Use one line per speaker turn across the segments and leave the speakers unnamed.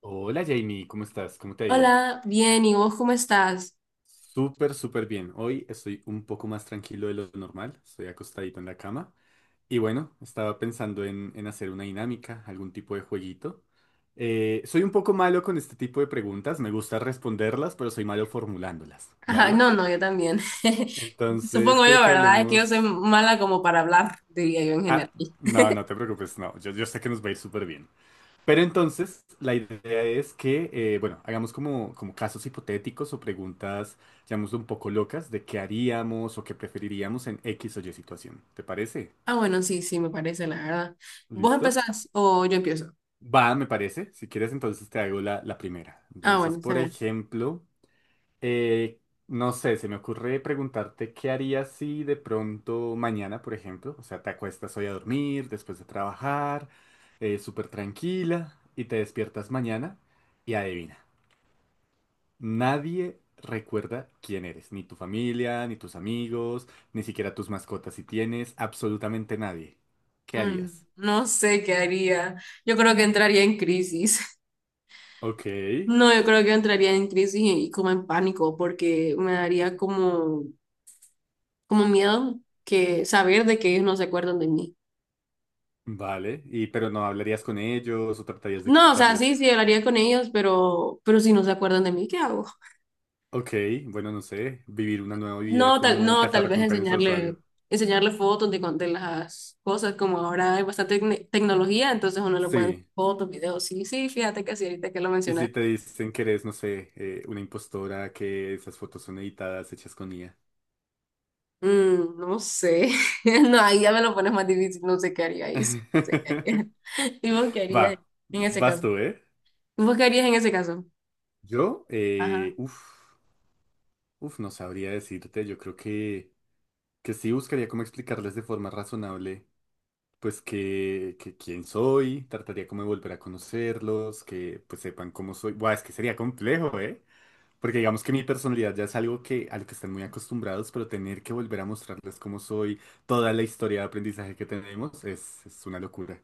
Hola Jamie, ¿cómo estás? ¿Cómo te ha ido?
Hola, bien, ¿y vos cómo estás?
Súper, súper bien. Hoy estoy un poco más tranquilo de lo normal. Estoy acostadito en la cama. Y bueno, estaba pensando en hacer una dinámica, algún tipo de jueguito. Soy un poco malo con este tipo de preguntas. Me gusta responderlas, pero soy malo formulándolas,
Ajá,
¿vale?
no, no, yo también.
Entonces,
Supongo
quiero
yo,
que
¿verdad? Es que yo soy
hablemos...
mala como para hablar, diría yo en
Ah,
general.
no, no te preocupes, no. Yo sé que nos va a ir súper bien. Pero entonces la idea es que, bueno, hagamos como casos hipotéticos o preguntas, digamos, un poco locas de qué haríamos o qué preferiríamos en X o Y situación. ¿Te parece?
Ah, bueno, sí, sí, me parece, la verdad. ¿Vos
¿Listo?
empezás o yo empiezo?
Va, me parece. Si quieres, entonces te hago la primera.
Ah,
Entonces,
bueno, está
por
bien.
ejemplo, eh, no sé, se me ocurre preguntarte qué harías si de pronto mañana, por ejemplo, o sea, te acuestas hoy a dormir después de trabajar, súper tranquila, y te despiertas mañana y adivina. Nadie recuerda quién eres, ni tu familia, ni tus amigos, ni siquiera tus mascotas si tienes, absolutamente nadie. ¿Qué
Mm,
harías?
no sé qué haría. Yo creo que entraría en crisis.
Ok,
No, yo creo que entraría en crisis y como en pánico, porque me daría como miedo que saber de que ellos no se acuerdan de mí.
vale, y pero no hablarías con ellos o tratarías de
No, o sea,
explicarles,
sí, sí, hablaría con ellos, pero si no se acuerdan de mí, ¿qué hago?
ok, bueno, no sé, vivir una nueva vida
No,
como
tal vez
recompensas,
enseñarle
Ario.
enseñarle fotos de las cosas, como ahora hay bastante tecnología, entonces uno le puede enseñar
Sí,
fotos, videos, sí, sí, fíjate que sí, ahorita que lo
y si
mencionas.
te dicen que eres, no sé, una impostora, que esas fotos son editadas, hechas con IA.
No sé, no, ahí ya me lo pones más difícil, no sé qué haría ahí, sí, no sé qué haría. ¿Y vos qué harías
Va,
en ese
vas
caso?
tú, ¿eh?
¿Vos qué harías en ese caso?
Yo, uff. Uf, no sabría decirte, yo creo que sí buscaría como explicarles de forma razonable, pues que quién soy, trataría como de volver a conocerlos, que pues sepan cómo soy. Buah, es que sería complejo, ¿eh? Porque digamos que mi personalidad ya es algo que, a lo que están muy acostumbrados, pero tener que volver a mostrarles cómo soy, toda la historia de aprendizaje que tenemos, es una locura.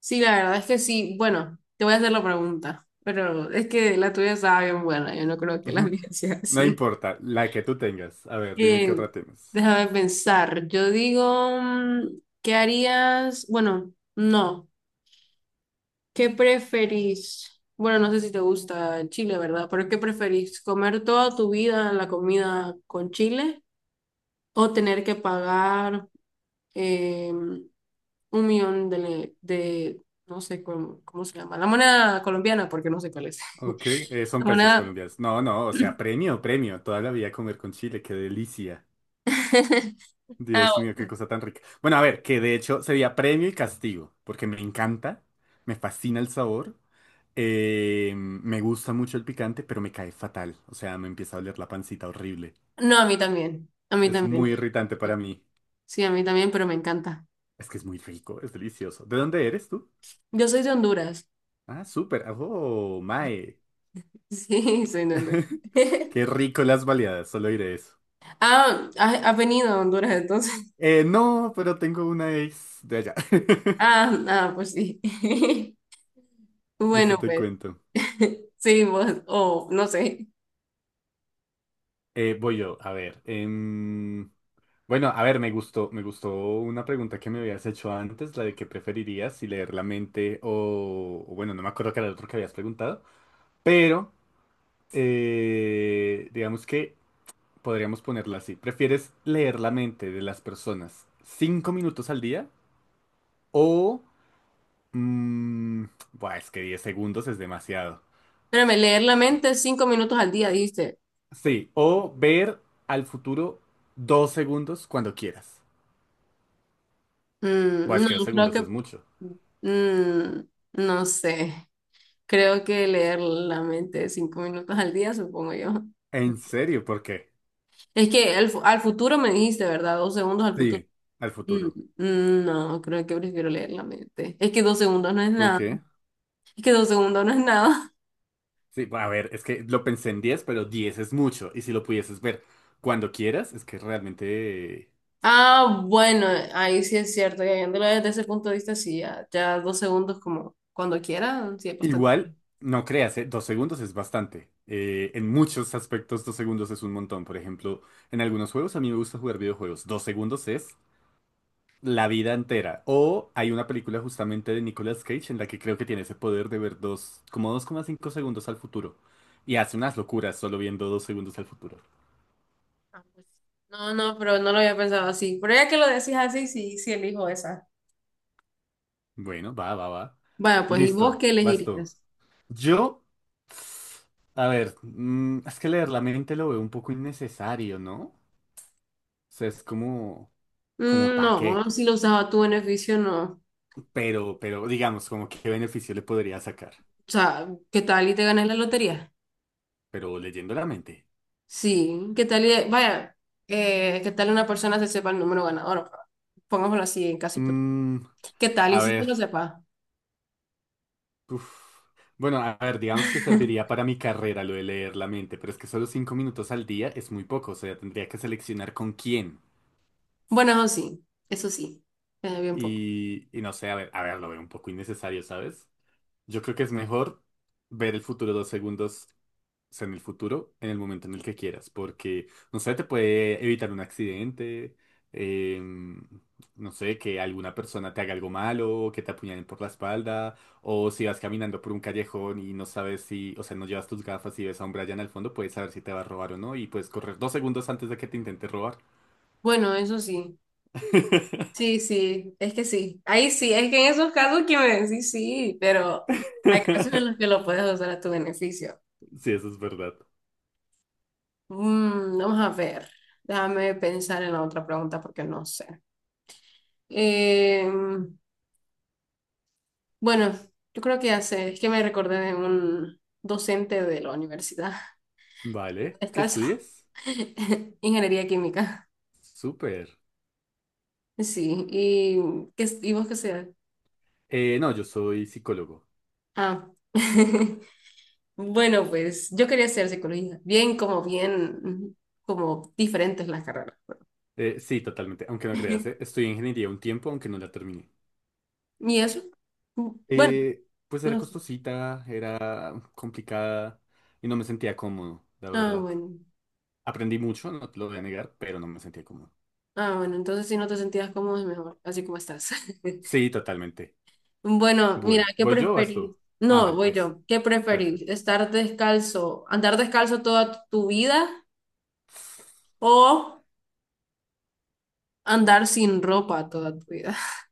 Sí, la verdad es que sí. Bueno, te voy a hacer la pregunta, pero es que la tuya estaba bien buena. Yo no creo que la mía sea
No
así.
importa, la que tú tengas. A ver, dime qué
Eh,
otra temas.
Déjame pensar. Yo digo, ¿qué harías? Bueno, no. ¿Qué preferís? Bueno, no sé si te gusta Chile, ¿verdad? Pero ¿qué preferís? ¿Comer toda tu vida la comida con Chile o tener que pagar 1 millón de no sé cómo se llama, la moneda colombiana, porque no sé cuál es?
Ok, son pesos
Una...
colombianos. No, no, o sea, premio, premio. Toda la vida comer con chile, qué delicia.
Ah,
Dios mío, qué
bueno.
cosa tan rica. Bueno, a ver, que de hecho sería premio y castigo, porque me encanta, me fascina el sabor, me gusta mucho el picante, pero me cae fatal. O sea, me empieza a oler la pancita horrible.
No, a mí también. A mí
Es
también.
muy irritante para mí.
Sí, a mí también, pero me encanta.
Es que es muy rico, es delicioso. ¿De dónde eres tú?
Yo soy de Honduras.
Ah, súper. Oh, mae.
Sí, soy de Honduras.
Qué rico las baleadas, solo diré eso.
Ah, has venido a Honduras entonces.
No, pero tengo una ex de allá.
Ah, ah, pues sí. Bueno,
Eso te
pues.
cuento.
Sí, vos, o no sé.
Voy yo, a ver. Bueno, a ver, me gustó una pregunta que me habías hecho antes, la de qué preferirías, si leer la mente o bueno, no me acuerdo qué era el otro que habías preguntado, pero digamos que podríamos ponerla así. ¿Prefieres leer la mente de las personas 5 minutos al día o mm, buah, es que 10 segundos es demasiado?
Espérame, leer la mente 5 minutos al día, dijiste.
Sí, o ver al futuro 2 segundos cuando quieras.
Mm,
Buah, es
no,
que dos
creo
segundos
que.
es mucho.
mm, no sé. Creo que leer la mente cinco minutos al día, supongo yo.
¿En serio? ¿Por qué?
Es que al futuro me dijiste, ¿verdad? Dos segundos al futuro.
Sí, al
Mm,
futuro.
no, creo que prefiero leer la mente. Es que 2 segundos no es
¿Por
nada.
qué?
Es que dos segundos no es nada.
Sí, a ver, es que lo pensé en 10, pero 10 es mucho. Y si lo pudieses ver cuando quieras, es que realmente...
Ah, bueno, ahí sí es cierto. Y viéndolo desde ese punto de vista, sí, ya, ya 2 segundos como cuando quiera, sí es bastante.
Igual, no creas, ¿eh? 2 segundos es bastante. En muchos aspectos, 2 segundos es un montón. Por ejemplo, en algunos juegos, a mí me gusta jugar videojuegos. 2 segundos es la vida entera. O hay una película justamente de Nicolas Cage en la que creo que tiene ese poder de ver como 2,5 segundos al futuro. Y hace unas locuras solo viendo 2 segundos al futuro.
Ah, pues. No, no, pero no lo había pensado así. Pero ya que lo decís así, sí, sí elijo esa.
Bueno, va, va, va.
Vaya, pues, ¿y vos
Listo,
qué
vas tú.
elegirías?
Yo, a ver, es que leer la mente lo veo un poco innecesario, ¿no? O sea, es como
Mm,
¿para qué?
no, si lo usas a tu beneficio, no.
Digamos, como qué beneficio le podría sacar.
O sea, ¿qué tal y te ganas la lotería?
Pero leyendo la mente.
Sí, ¿qué tal? Vaya, ¿qué tal una persona se sepa el número ganador? Pongámoslo así en caso hipotético.
Mm,
¿Qué tal? Y
a
si se
ver.
lo sepa.
Uf. Bueno, a ver, digamos que serviría para mi carrera lo de leer la mente, pero es que solo 5 minutos al día es muy poco, o sea, tendría que seleccionar con quién.
Bueno, eso sí, bien poco.
Y no sé, a ver, lo veo un poco innecesario, ¿sabes? Yo creo que es mejor ver el futuro 2 segundos. O sea, en el futuro, en el momento en el que quieras, porque, no sé, te puede evitar un accidente, em, no sé, que alguna persona te haga algo malo, que te apuñalen por la espalda, o si vas caminando por un callejón y no sabes si, o sea, no llevas tus gafas y ves a un Brian al fondo, puedes saber si te va a robar o no y puedes correr 2 segundos antes de que te intente robar.
Bueno, eso sí. Sí, sí, es que sí. Ahí sí, es que en esos casos que me decís sí, pero hay casos en los que lo puedes usar a tu beneficio.
Sí, eso es verdad.
Vamos a ver, déjame pensar en la otra pregunta porque no sé. Em, Bueno, yo creo que hace, es que me recordé de un docente de la universidad,
Vale, ¿qué
descalzo,
estudias?
ingeniería química.
Súper.
Sí, y vos qué sea.
No, yo soy psicólogo.
Ah, bueno, pues yo quería hacer psicología, bien, como diferentes las carreras.
Sí, totalmente, aunque no creas, eh, Estudié ingeniería un tiempo, aunque no la terminé.
¿Y eso? Bueno,
Pues era
no sé.
costosita, era complicada y no me sentía cómodo, la
Ah,
verdad.
bueno.
Aprendí mucho, no te lo voy a negar, pero no me sentía cómodo.
Ah, bueno, entonces si no te sentías cómodo es mejor, así como estás.
Sí, totalmente.
Bueno, mira,
Bueno,
¿qué
¿voy yo o vas
preferís?
tú? Ah,
No,
vale,
voy
es.
yo. ¿Qué preferís?
Perfecto.
¿Estar descalzo, andar descalzo toda tu vida o andar sin ropa toda tu vida?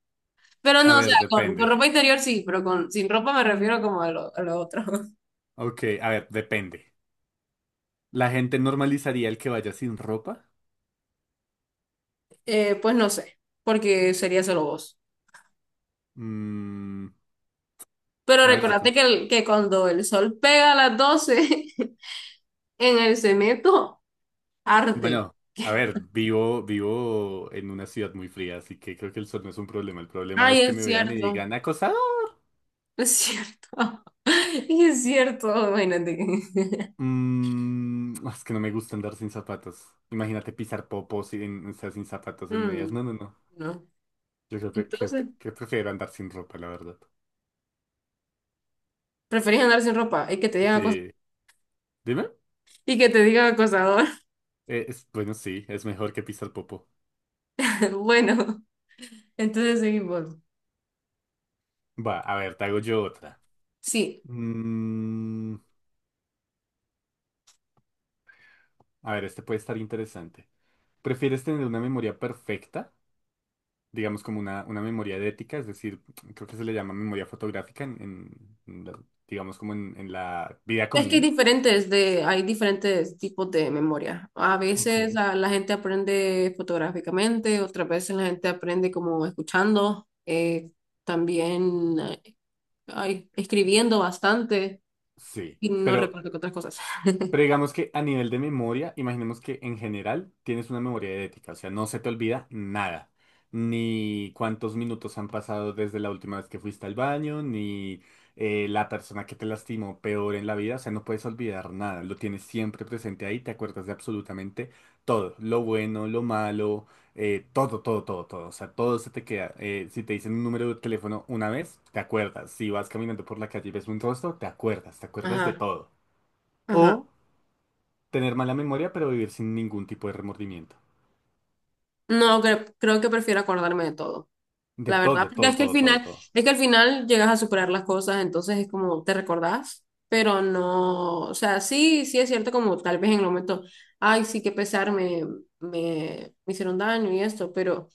Pero
A
no, o
ver,
sea, con,
depende.
con ropa interior sí, pero con sin ropa me refiero como a lo, otro.
Ok, a ver, depende. ¿La gente normalizaría el que vaya sin ropa?
Pues no sé, porque sería solo vos.
Mm,
Pero
a ver si...
recordate
con...
que cuando el sol pega a las 12 en el cemento, arde.
Bueno, a ver, vivo, vivo en una ciudad muy fría, así que creo que el sol no es un problema. El problema es
Ay,
que
es
me vean y
cierto,
digan, acosador.
es cierto. Y es cierto, imagínate.
Mm, es que no me gusta andar sin zapatos. Imagínate pisar popos sin, o sea, sin zapatos en medias.
Mm.
No, no, no.
No.
Yo creo que, creo que
Entonces,
que prefiero andar sin ropa, la verdad.
preferís andar sin ropa y que te digan acosador.
Sí. Dime.
Y que te digan acosador.
Bueno, sí, es mejor que pisar popo.
Bueno, entonces seguimos.
Va, a ver, te hago yo otra.
Sí,
Mm, a ver, este puede estar interesante. ¿Prefieres tener una memoria perfecta? Digamos, como una memoria de ética, es decir, creo que se le llama memoria fotográfica digamos, como en la vida
es que hay
común.
diferentes tipos de memoria. A veces
Ok.
la gente aprende fotográficamente, otras veces la gente aprende como escuchando, también ay, escribiendo bastante
Sí,
y no
pero,
recuerdo que otras cosas.
Digamos que a nivel de memoria, imaginemos que en general tienes una memoria ética, o sea, no se te olvida nada, ni cuántos minutos han pasado desde la última vez que fuiste al baño, ni la persona que te lastimó peor en la vida, o sea, no puedes olvidar nada, lo tienes siempre presente ahí, te acuerdas de absolutamente todo, lo bueno, lo malo, todo, todo, todo, todo, o sea, todo se te queda. Si te dicen un número de teléfono una vez, te acuerdas, si vas caminando por la calle y ves un rostro, te acuerdas de
Ajá,
todo.
ajá.
O tener mala memoria, pero vivir sin ningún tipo de remordimiento.
No, creo que prefiero acordarme de todo,
De
la verdad,
todo,
porque es
todo,
que al
todo, todo,
final,
todo.
llegas a superar las cosas, entonces es como te recordás, pero no, o sea, sí, sí es cierto como tal vez en el momento, ay, sí, que pesar, me hicieron daño y esto, pero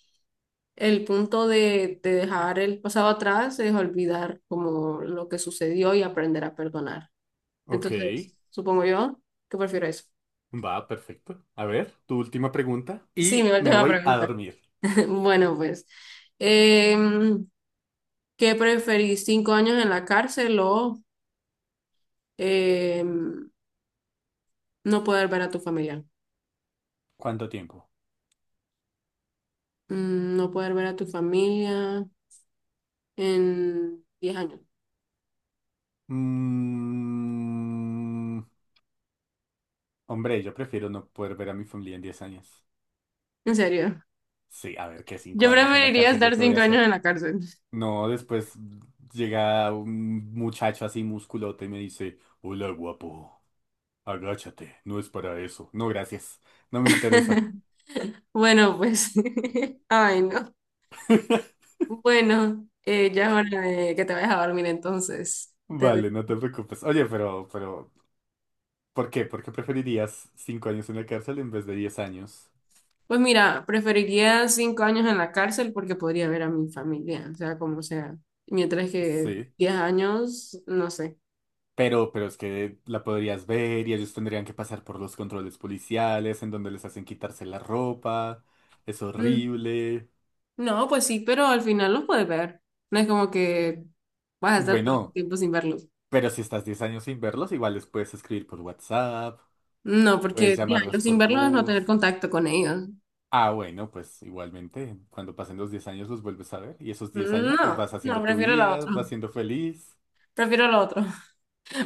el punto de dejar el pasado atrás es olvidar como lo que sucedió y aprender a perdonar.
Ok,
Entonces, supongo yo que prefiero eso.
va, perfecto. A ver, tu última pregunta.
Sí,
Y
mi
me
última
voy a
pregunta.
dormir.
Bueno, pues, em, ¿qué preferís, 5 años en la cárcel o eh, no poder ver a tu familia?
¿Cuánto tiempo?
No poder ver a tu familia en 10 años.
Mm, hombre, yo prefiero no poder ver a mi familia en 10 años.
¿En serio?
Sí, a ver, que 5
Yo
años en la
preferiría
cárcel, ¿yo
estar
qué voy a
5 años
hacer?
en la cárcel.
No, después llega un muchacho así musculote y me dice, hola guapo, agáchate, no es para eso. No, gracias, no me interesa.
Bueno, pues. Ay, no. Bueno, ya es hora de que te vayas a dormir entonces.
Vale, no te preocupes. Oye, ¿por qué? ¿Por qué preferirías 5 años en la cárcel en vez de 10 años?
Pues mira, preferiría 5 años en la cárcel porque podría ver a mi familia, o sea, como sea. Mientras que
Sí.
10 años, no sé.
Pero es que la podrías ver y ellos tendrían que pasar por los controles policiales, en donde les hacen quitarse la ropa. Es
Mm.
horrible.
No, pues sí, pero al final los puedes ver. No es como que vas a estar todo el
Bueno,
tiempo sin verlos.
pero si estás 10 años sin verlos, igual les puedes escribir por WhatsApp,
No,
puedes
porque ya, yo
llamarlos
sin
por
verlos es no tener
voz.
contacto con ellos.
Ah, bueno, pues igualmente, cuando pasen los 10 años los vuelves a ver y esos 10 años pues
No,
vas
no,
haciendo tu
prefiero la
vida,
otra.
vas siendo feliz.
Prefiero la otra.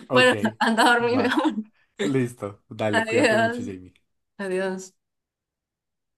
Ok,
Bueno, anda a dormir, mi
va.
amor.
Listo. Dale, cuídate mucho,
Adiós.
Jamie.
Adiós.